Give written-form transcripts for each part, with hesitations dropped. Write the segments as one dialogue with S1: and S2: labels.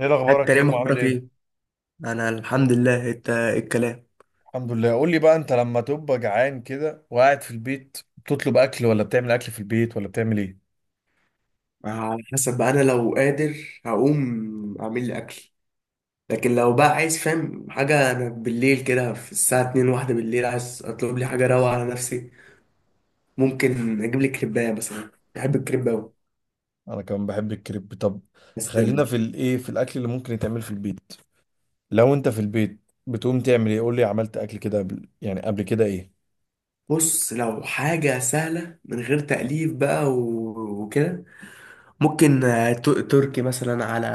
S1: ايه
S2: يا
S1: الاخبار يا
S2: كريم
S1: كيمو؟ عامل
S2: اخبارك
S1: ايه؟
S2: ايه؟ انا الحمد لله. انت إيه الكلام؟
S1: الحمد لله. قول لي بقى، انت لما تبقى جعان كده وقاعد في البيت، بتطلب اكل ولا بتعمل اكل في البيت ولا بتعمل ايه؟
S2: على حسب بقى، انا لو قادر هقوم اعمل لي اكل، لكن لو بقى عايز فاهم حاجه، انا بالليل كده في الساعه 2، واحدة بالليل، عايز اطلب لي حاجه روعه على نفسي. ممكن اجيب لي كريبايه مثلا، بحب الكريب قوي
S1: انا كمان بحب الكريب. طب
S2: بس.
S1: خلينا في الايه، في الاكل اللي ممكن يتعمل في البيت. لو انت في البيت بتقوم تعمل ايه؟ قول لي، عملت اكل كده قبل؟ يعني قبل كده ايه؟
S2: بص، لو حاجه سهله من غير تأليف بقى وكده، ممكن تركي مثلا، على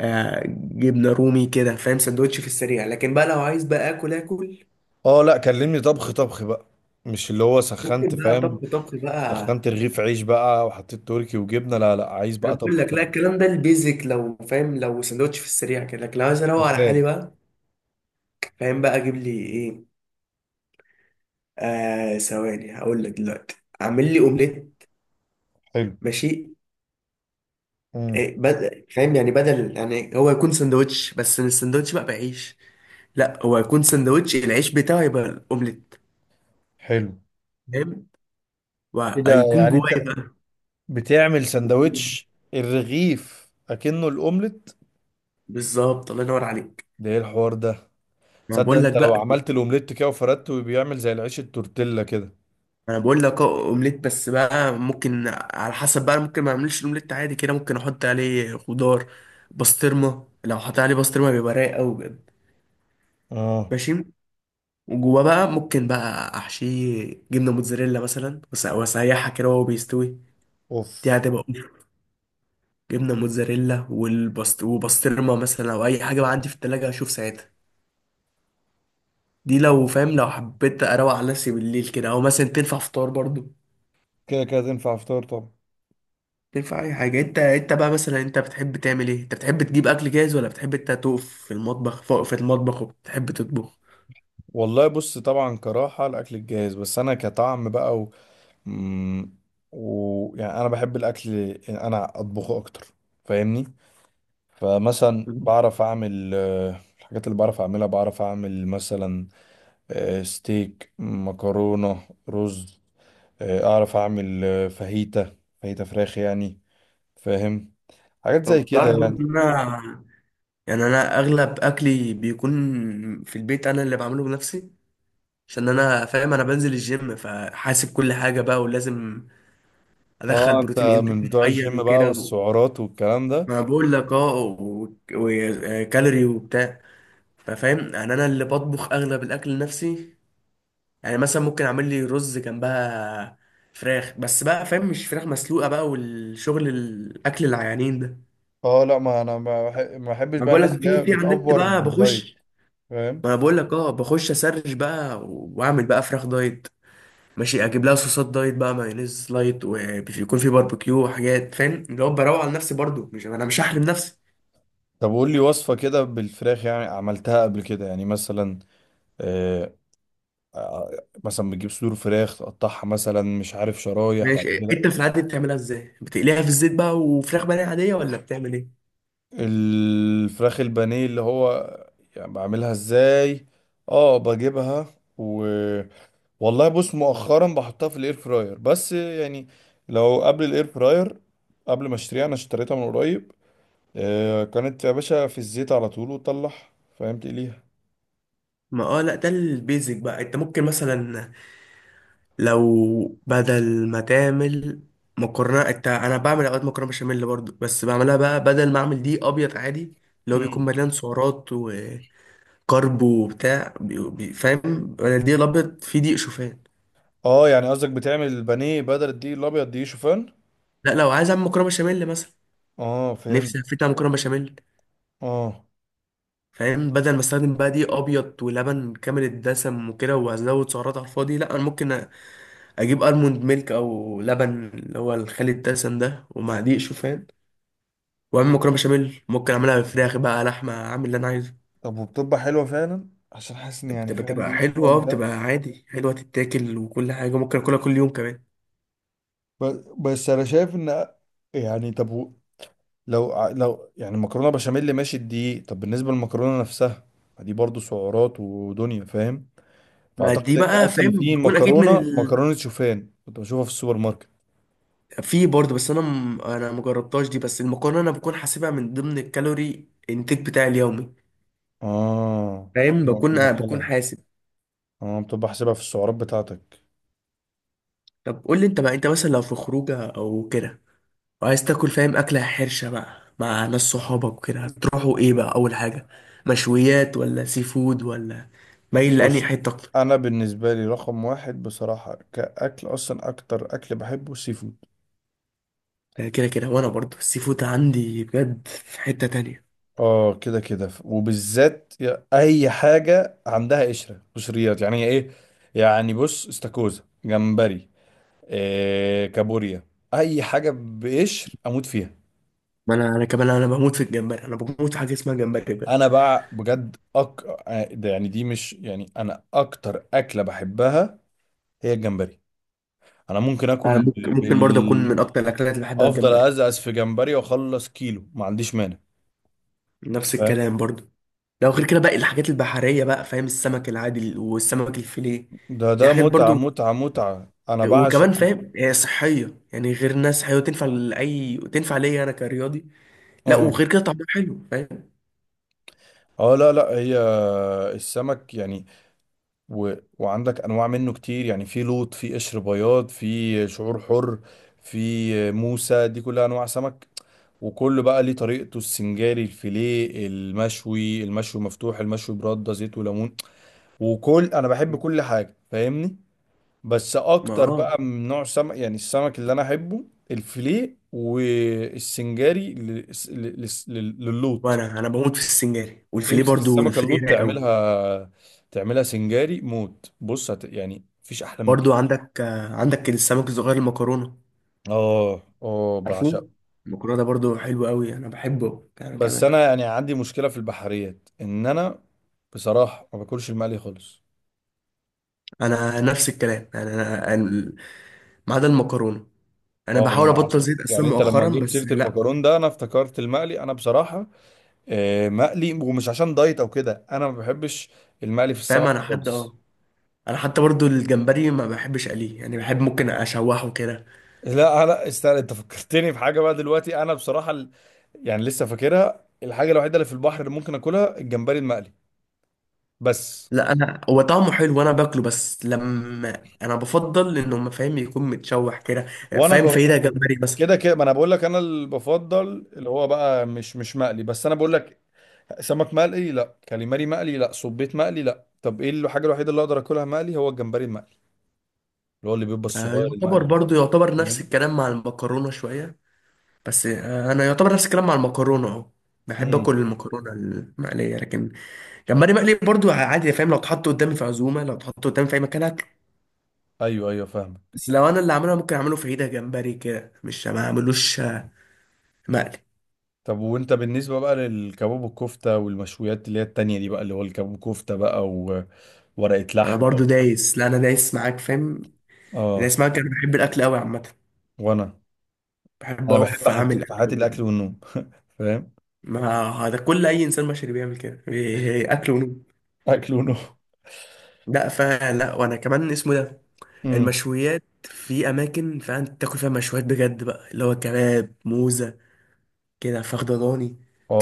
S2: جبنه رومي كده، فاهم، سندوتش في السريع، لكن بقى لو عايز بقى اكل اكل،
S1: اه لا، كلمني طبخ طبخ بقى، مش اللي هو سخنت،
S2: ممكن بقى
S1: فاهم؟
S2: طبخ طبخ بقى.
S1: سخنت رغيف عيش بقى وحطيت تركي وجبنه. لا لا، عايز
S2: انا
S1: بقى
S2: بقول
S1: طبخ
S2: لك لا،
S1: طبخ.
S2: الكلام ده البيزك، لو فاهم، لو سندوتش في السريع كده، لكن لو عايز اروق على
S1: سخان.
S2: حالي بقى، فاهم، بقى اجيب لي ايه؟ آه، ثواني هقول لك دلوقتي. اعمل لي اومليت،
S1: حلو.
S2: ماشي.
S1: امم
S2: إيه بدل فاهم يعني، بدل يعني هو يكون سندوتش بس، السندوتش بقى بعيش، لا، هو يكون سندوتش العيش بتاعه يبقى الاومليت،
S1: حلو.
S2: فاهم،
S1: كده
S2: وهيكون
S1: يعني
S2: جوايا
S1: انت
S2: بقى.
S1: بتعمل سندوتش الرغيف اكنه الاومليت؟
S2: بالظبط، الله ينور عليك،
S1: ده ايه الحوار ده؟
S2: ما
S1: تصدق
S2: بقول لك
S1: انت لو
S2: بقى.
S1: عملت الاومليت كده وفردته بيعمل زي العيش التورتيلا كده.
S2: انا بقول لك اه، اومليت بس بقى، ممكن على حسب بقى، ممكن ما اعملش الاومليت عادي كده، ممكن احط عليه خضار، بسطرمه. لو حطيت عليه بسطرمه بيبقى رايق قوي بجد،
S1: اه،
S2: ماشي. وجواه بقى ممكن بقى احشيه جبنه موتزاريلا مثلا، واسيحها كده وهو بيستوي، دي
S1: اوف.
S2: هتبقى أوف. جبنه موتزاريلا والبسط وبسطرمه، مثلا، او اي حاجه بقى عندي في التلاجة اشوف ساعتها. دي لو فاهم، لو حبيت اروق على نفسي بالليل كده، او مثلا تنفع فطار برضو،
S1: كده كده تنفع فطار طبعا.
S2: تنفع اي حاجه. انت بقى مثلا، انت بتحب تعمل ايه؟ انت بتحب تجيب اكل جاهز ولا بتحب انت تقف في المطبخ، فوق في المطبخ، وبتحب تطبخ؟
S1: والله بص، طبعا كراحة الاكل الجاهز، بس انا كطعم بقى مم، يعني انا بحب الاكل إن انا اطبخه اكتر، فاهمني؟ فمثلا بعرف اعمل الحاجات اللي بعرف اعملها. بعرف اعمل مثلا ستيك، مكرونة، رز. اعرف اعمل فاهيتا، فاهيتا فراخ يعني، فاهم؟ حاجات زي
S2: طب
S1: كده
S2: تعرف برضه
S1: يعني.
S2: ان انا يعني، انا اغلب اكلي بيكون في البيت انا اللي بعمله بنفسي، عشان انا فاهم، انا بنزل الجيم، فحاسب كل حاجه بقى، ولازم ادخل
S1: اه، انت
S2: بروتين انتك
S1: من بتوع
S2: معين
S1: الجيم بقى
S2: وكده
S1: والسعرات والكلام ده.
S2: ما بقول لك اه، وكالوري كالوري وبتاع. ففاهم يعني، انا اللي بطبخ اغلب الاكل لنفسي. يعني مثلا ممكن اعمل لي رز جنبها فراخ، بس بقى فاهم، مش فراخ مسلوقه بقى والشغل الاكل العيانين ده،
S1: اه لا، ما انا ما بحبش
S2: ما
S1: بقى
S2: بقول
S1: الناس
S2: لك.
S1: اللي هي
S2: في على النت
S1: بتأفور
S2: بقى بخش،
S1: بالدايت، فاهم؟
S2: ما انا بقول لك اه، بخش اسرش بقى، واعمل بقى فراخ دايت، ماشي، اجيب لها صوصات دايت بقى، مايونيز لايت، ويكون في باربيكيو وحاجات، فاهم، اللي هو بروق على نفسي برضو، مش انا مش هحرم نفسي.
S1: طب قول لي وصفة كده بالفراخ، يعني عملتها قبل كده يعني مثلا. آه. مثلا بتجيب صدور فراخ تقطعها مثلا، مش عارف، شرايح بعد
S2: ماشي.
S1: كده.
S2: انت في العادي بتعملها ازاي؟ بتقليها في الزيت بقى وفراخ بانيه عاديه، ولا بتعمل ايه؟
S1: الفراخ البانيه اللي هو، يعني بعملها ازاي؟ اه بجيبها. والله بص، مؤخرا بحطها في الاير فراير، بس يعني لو قبل الاير فراير، قبل ما اشتريها، انا اشتريتها من قريب، آه كانت يا باشا في الزيت على طول وتطلع، فاهم، تقليها.
S2: ما اه، لا ده البيزك بقى. انت ممكن مثلا، لو بدل ما تعمل مكرونه، انت انا بعمل اوقات مكرونه بشاميل برضو، بس بعملها بقى، بدل ما اعمل دي ابيض عادي، اللي هو بيكون
S1: امم
S2: مليان سعرات وكرب وبتاع، فاهم، انا الدقيق الابيض فيه دقيق شوفان.
S1: اه، يعني قصدك بتعمل البانيه بدل الدقيق الابيض دي شوفان؟
S2: لا، لو عايز اعمل مكرونه بشاميل مثلا،
S1: اه فهمت.
S2: نفسي هفتها على مكرونه بشاميل،
S1: اه،
S2: فاهم، بدل ما استخدم بقى دقيق ابيض ولبن كامل الدسم وكده، وازود سعرات على الفاضي، لا انا ممكن اجيب الموند ميلك، او لبن اللي هو الخالي الدسم ده، ومع دقيق شوفان، واعمل مكرونه بشاميل. ممكن اعملها بالفراخ بقى، لحمه، اعمل اللي انا عايزه.
S1: طب وبتبقى حلوه فعلا؟ عشان حاسس ان يعني،
S2: بتبقى
S1: فاهم،
S2: بتبقى
S1: دي
S2: حلوه اه،
S1: شوفان ده.
S2: بتبقى عادي حلوه تتاكل، وكل حاجه، ممكن اكلها كل يوم كمان.
S1: بس انا شايف ان، يعني لو لو يعني مكرونه بشاميل ماشي الدقيق، طب بالنسبه للمكرونه نفسها؟ ما دي برضو سعرات ودنيا، فاهم؟
S2: ما دي
S1: فاعتقد ان
S2: بقى
S1: اصلا
S2: فاهم،
S1: في
S2: بتكون اكيد من
S1: مكرونه، مكرونه شوفان كنت بشوفها في السوبر ماركت.
S2: في برضه، بس انا انا مجربتهاش دي، بس المكرونه انا بكون حاسبها من ضمن الكالوري انتاج بتاعي اليومي،
S1: اه،
S2: فاهم، بكون آه بكون
S1: مدخلها.
S2: حاسب.
S1: اه، بتبقى حاسبها في السعرات بتاعتك.
S2: طب قول لي انت بقى، انت مثلا لو في خروجه او كده، وعايز تاكل فاهم اكله حرشه بقى مع ناس صحابك وكده، هتروحوا ايه بقى اول حاجه؟ مشويات ولا سي فود ولا؟ مايل لأنهي
S1: بص،
S2: حته؟
S1: انا بالنسبه لي رقم واحد بصراحه كاكل، اصلا اكتر اكل بحبه السي فود.
S2: كده كده، وانا برضه السي فود عندي بجد في حتة تانية.
S1: اه كده كده، وبالذات اي حاجه عندها قشره، قشريات يعني ايه، يعني بص، استاكوزا، جمبري، إيه، كابوريا، اي حاجه بقشر اموت فيها.
S2: ما انا كمان انا بموت في الجمبري، انا بموت في حاجة اسمها جمبري بجد.
S1: انا بقى بجد ده يعني، دي مش يعني، انا اكتر اكله بحبها هي الجمبري. انا ممكن
S2: انا
S1: اكل
S2: ممكن برضه اكون
S1: بال...
S2: من اكتر الاكلات اللي بحبها
S1: افضل
S2: الجمبري،
S1: ازقز في جمبري واخلص كيلو، ما عنديش مانع،
S2: نفس
S1: فاهم؟
S2: الكلام برضه. لو غير كده باقي الحاجات البحرية بقى، فاهم، السمك العادي والسمك الفيليه،
S1: ده
S2: دي
S1: ده
S2: حاجات
S1: متعه،
S2: برضه.
S1: متعه، متعه، انا بعشق.
S2: وكمان فاهم، هي صحية يعني، غير ناس صحية وتنفع لأي، تنفع ليا أنا كرياضي. لا
S1: اه
S2: وغير كده طعمها حلو، فاهم،
S1: اه، لا لا، هي السمك يعني و... وعندك انواع منه كتير يعني، في لوط، في قشر بياض، في شعور حر، في موسى، دي كلها انواع سمك. وكله بقى ليه طريقته، السنجاري، الفيليه، المشوي، المشوي مفتوح، المشوي برده زيت وليمون. وكل، انا بحب كل حاجه، فاهمني؟ بس
S2: ما
S1: اكتر
S2: اه.
S1: بقى من نوع سمك، يعني السمك اللي انا احبه الفيليه والسنجاري للوط.
S2: وانا بموت في السنجاري والفيليه
S1: تمسك
S2: برضه،
S1: السمكه
S2: الفيليه
S1: اللوط
S2: رايق قوي.
S1: تعملها، تعملها سنجاري، موت. بص يعني مفيش احلى من
S2: برضو
S1: كده.
S2: عندك عندك السمك الصغير المكرونه،
S1: اه اه، بعشقه.
S2: عارفوه، المكرونه ده برضو حلو قوي، انا بحبه انا
S1: بس
S2: كمان.
S1: انا يعني عندي مشكله في البحريات، ان انا بصراحه ما باكلش المقلي خالص.
S2: انا نفس الكلام يعني، ما عدا المكرونه، انا
S1: اه، ما
S2: بحاول
S1: انا
S2: ابطل
S1: عشان
S2: زيت اصلا
S1: يعني انت لما
S2: مؤخرا،
S1: جبت
S2: بس
S1: سيره
S2: لا
S1: المكرون ده، انا افتكرت المقلي. انا بصراحه مقلي، ومش عشان دايت او كده، انا ما بحبش المقلي في
S2: فاهم،
S1: السمك
S2: انا حد
S1: خالص.
S2: اه، انا حتى برضو الجمبري ما بحبش اقليه، يعني بحب ممكن اشوحه كده.
S1: لا لا استنى، انت فكرتني في حاجه بقى دلوقتي. انا بصراحه يعني لسه فاكرها، الحاجه الوحيده اللي في البحر اللي ممكن اكلها الجمبري المقلي بس.
S2: لا انا هو طعمه حلو وانا باكله، بس لما انا بفضل انه ما فاهم يكون متشوح كده،
S1: وانا
S2: فاهم،
S1: ب...
S2: فايدة جمبري مثلا.
S1: كده كده، ما انا بقول لك انا اللي بفضل اللي هو بقى مش، مش مقلي، بس انا بقول لك سمك مقلي لا، كاليماري مقلي لا، صبيت مقلي لا، طب ايه الحاجه الوحيده اللي اقدر اكلها مقلي؟ هو الجمبري المقلي، اللي هو اللي بيبقى الصغير
S2: يعتبر
S1: المقلي.
S2: برضو، نفس
S1: تمام.
S2: الكلام مع المكرونة شوية بس. انا يعتبر نفس الكلام مع المكرونه اهو، بحب
S1: امم
S2: اكل المكرونه المقليه، لكن جمبري مقلي برضو عادي، فاهم، لو اتحط قدامي في عزومه، لو اتحط قدامي في اي مكان اكل.
S1: ايوه ايوه، فاهمك.
S2: بس لو انا اللي عاملها ممكن اعمله في عيده جمبري كده، مش ما اعملوش مقلي.
S1: طب وانت بالنسبه بقى للكباب والكفته والمشويات اللي هي التانية دي بقى، اللي هو الكباب وكفته بقى، وورقه
S2: انا
S1: لحمه.
S2: برضو دايس، لا انا دايس معاك، فاهم،
S1: اه،
S2: دايس معاك. انا بحب الاكل قوي عامه،
S1: وانا
S2: بحب
S1: انا بحب
S2: اقف
S1: حاجتين
S2: اعمل
S1: في حياتي،
S2: اكل.
S1: الاكل والنوم، فاهم؟
S2: ما هذا كل اي انسان بشري بيعمل كده، اكل ونوم.
S1: اكل ونوم.
S2: لا فلا، وانا كمان اسمه ده.
S1: امم
S2: المشويات في اماكن فعلا تاكل فيها مشويات بجد بقى، اللي هو كباب موزه كده، فخد ضاني.
S1: اه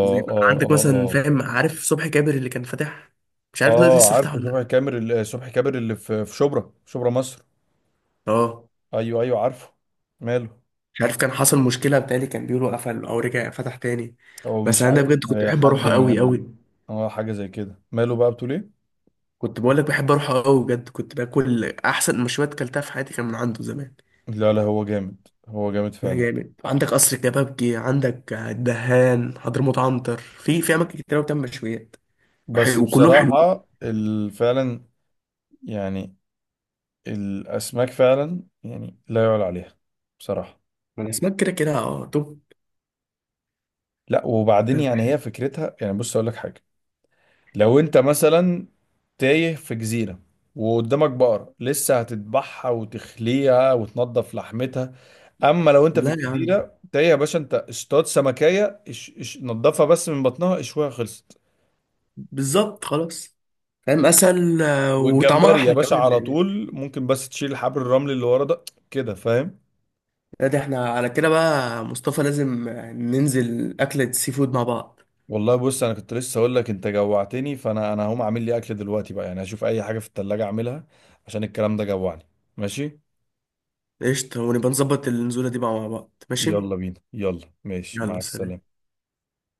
S2: زي ما
S1: اه
S2: عندك
S1: اه
S2: مثلا،
S1: اه.
S2: فاهم، عارف صبحي كابر اللي كان فاتح؟ مش عارف دلوقتي
S1: اه
S2: لسه فتح
S1: عارفه،
S2: ولا لأ.
S1: صبحي كامر صبحي كامر اللي في شبرا، شبرا مصر.
S2: اه
S1: ايوه ايوه عارفه. ماله؟
S2: مش عارف، كان حصل مشكله بتاعي، كان بيقولوا قفل او رجع فتح تاني،
S1: او
S2: بس
S1: مش
S2: انا ده
S1: عارف،
S2: بجد كنت بحب
S1: حد
S2: اروحه
S1: من
S2: قوي قوي.
S1: اه، حاجه زي كده. ماله بقى؟ بتقول ايه؟
S2: كنت بقول لك، بحب اروحه قوي بجد، كنت باكل احسن مشويات كلتها في حياتي كان من عنده زمان.
S1: لا لا، هو جامد، هو جامد
S2: ده
S1: فعلا.
S2: جامد. عندك قصر الكبابجي، عندك الدهان، حضرموت، عنتر، في اماكن كتير أوي بتعمل مشويات
S1: بس
S2: وكلهم حلوين.
S1: بصراحة فعلا يعني، الأسماك فعلا يعني لا يعلى عليها بصراحة.
S2: الاسماك كده كده اه، توب،
S1: لا، وبعدين
S2: فاهم؟
S1: يعني هي فكرتها يعني، بص أقول لك حاجة، لو أنت مثلا تايه في جزيرة وقدامك بقرة، لسه هتذبحها وتخليها وتنضف لحمتها. أما لو أنت في
S2: لا يا عم،
S1: الجزيرة تايه يا باشا، أنت اصطاد سمكية، اش اش نضفها بس من بطنها، اشويها، خلصت.
S2: بالظبط، خلاص، فاهم، اسهل، وطعمها
S1: والجمبري يا
S2: احلى
S1: باشا
S2: كمان
S1: على
S2: يعني.
S1: طول ممكن، بس تشيل الحبر، الرمل اللي ورا ده، كده، فاهم.
S2: لا ده احنا على كده بقى مصطفى، لازم ننزل اكلة سي فود مع بعض.
S1: والله بص، انا كنت لسه اقول لك انت جوعتني، فانا هقوم اعمل لي اكل دلوقتي بقى، يعني هشوف اي حاجه في التلاجة اعملها، عشان الكلام ده جوعني. ماشي،
S2: قشطة، ونبقى نظبط النزولة دي بقى مع بعض، ماشي،
S1: يلا بينا، يلا، ماشي، مع
S2: يلا سلام.
S1: السلامه.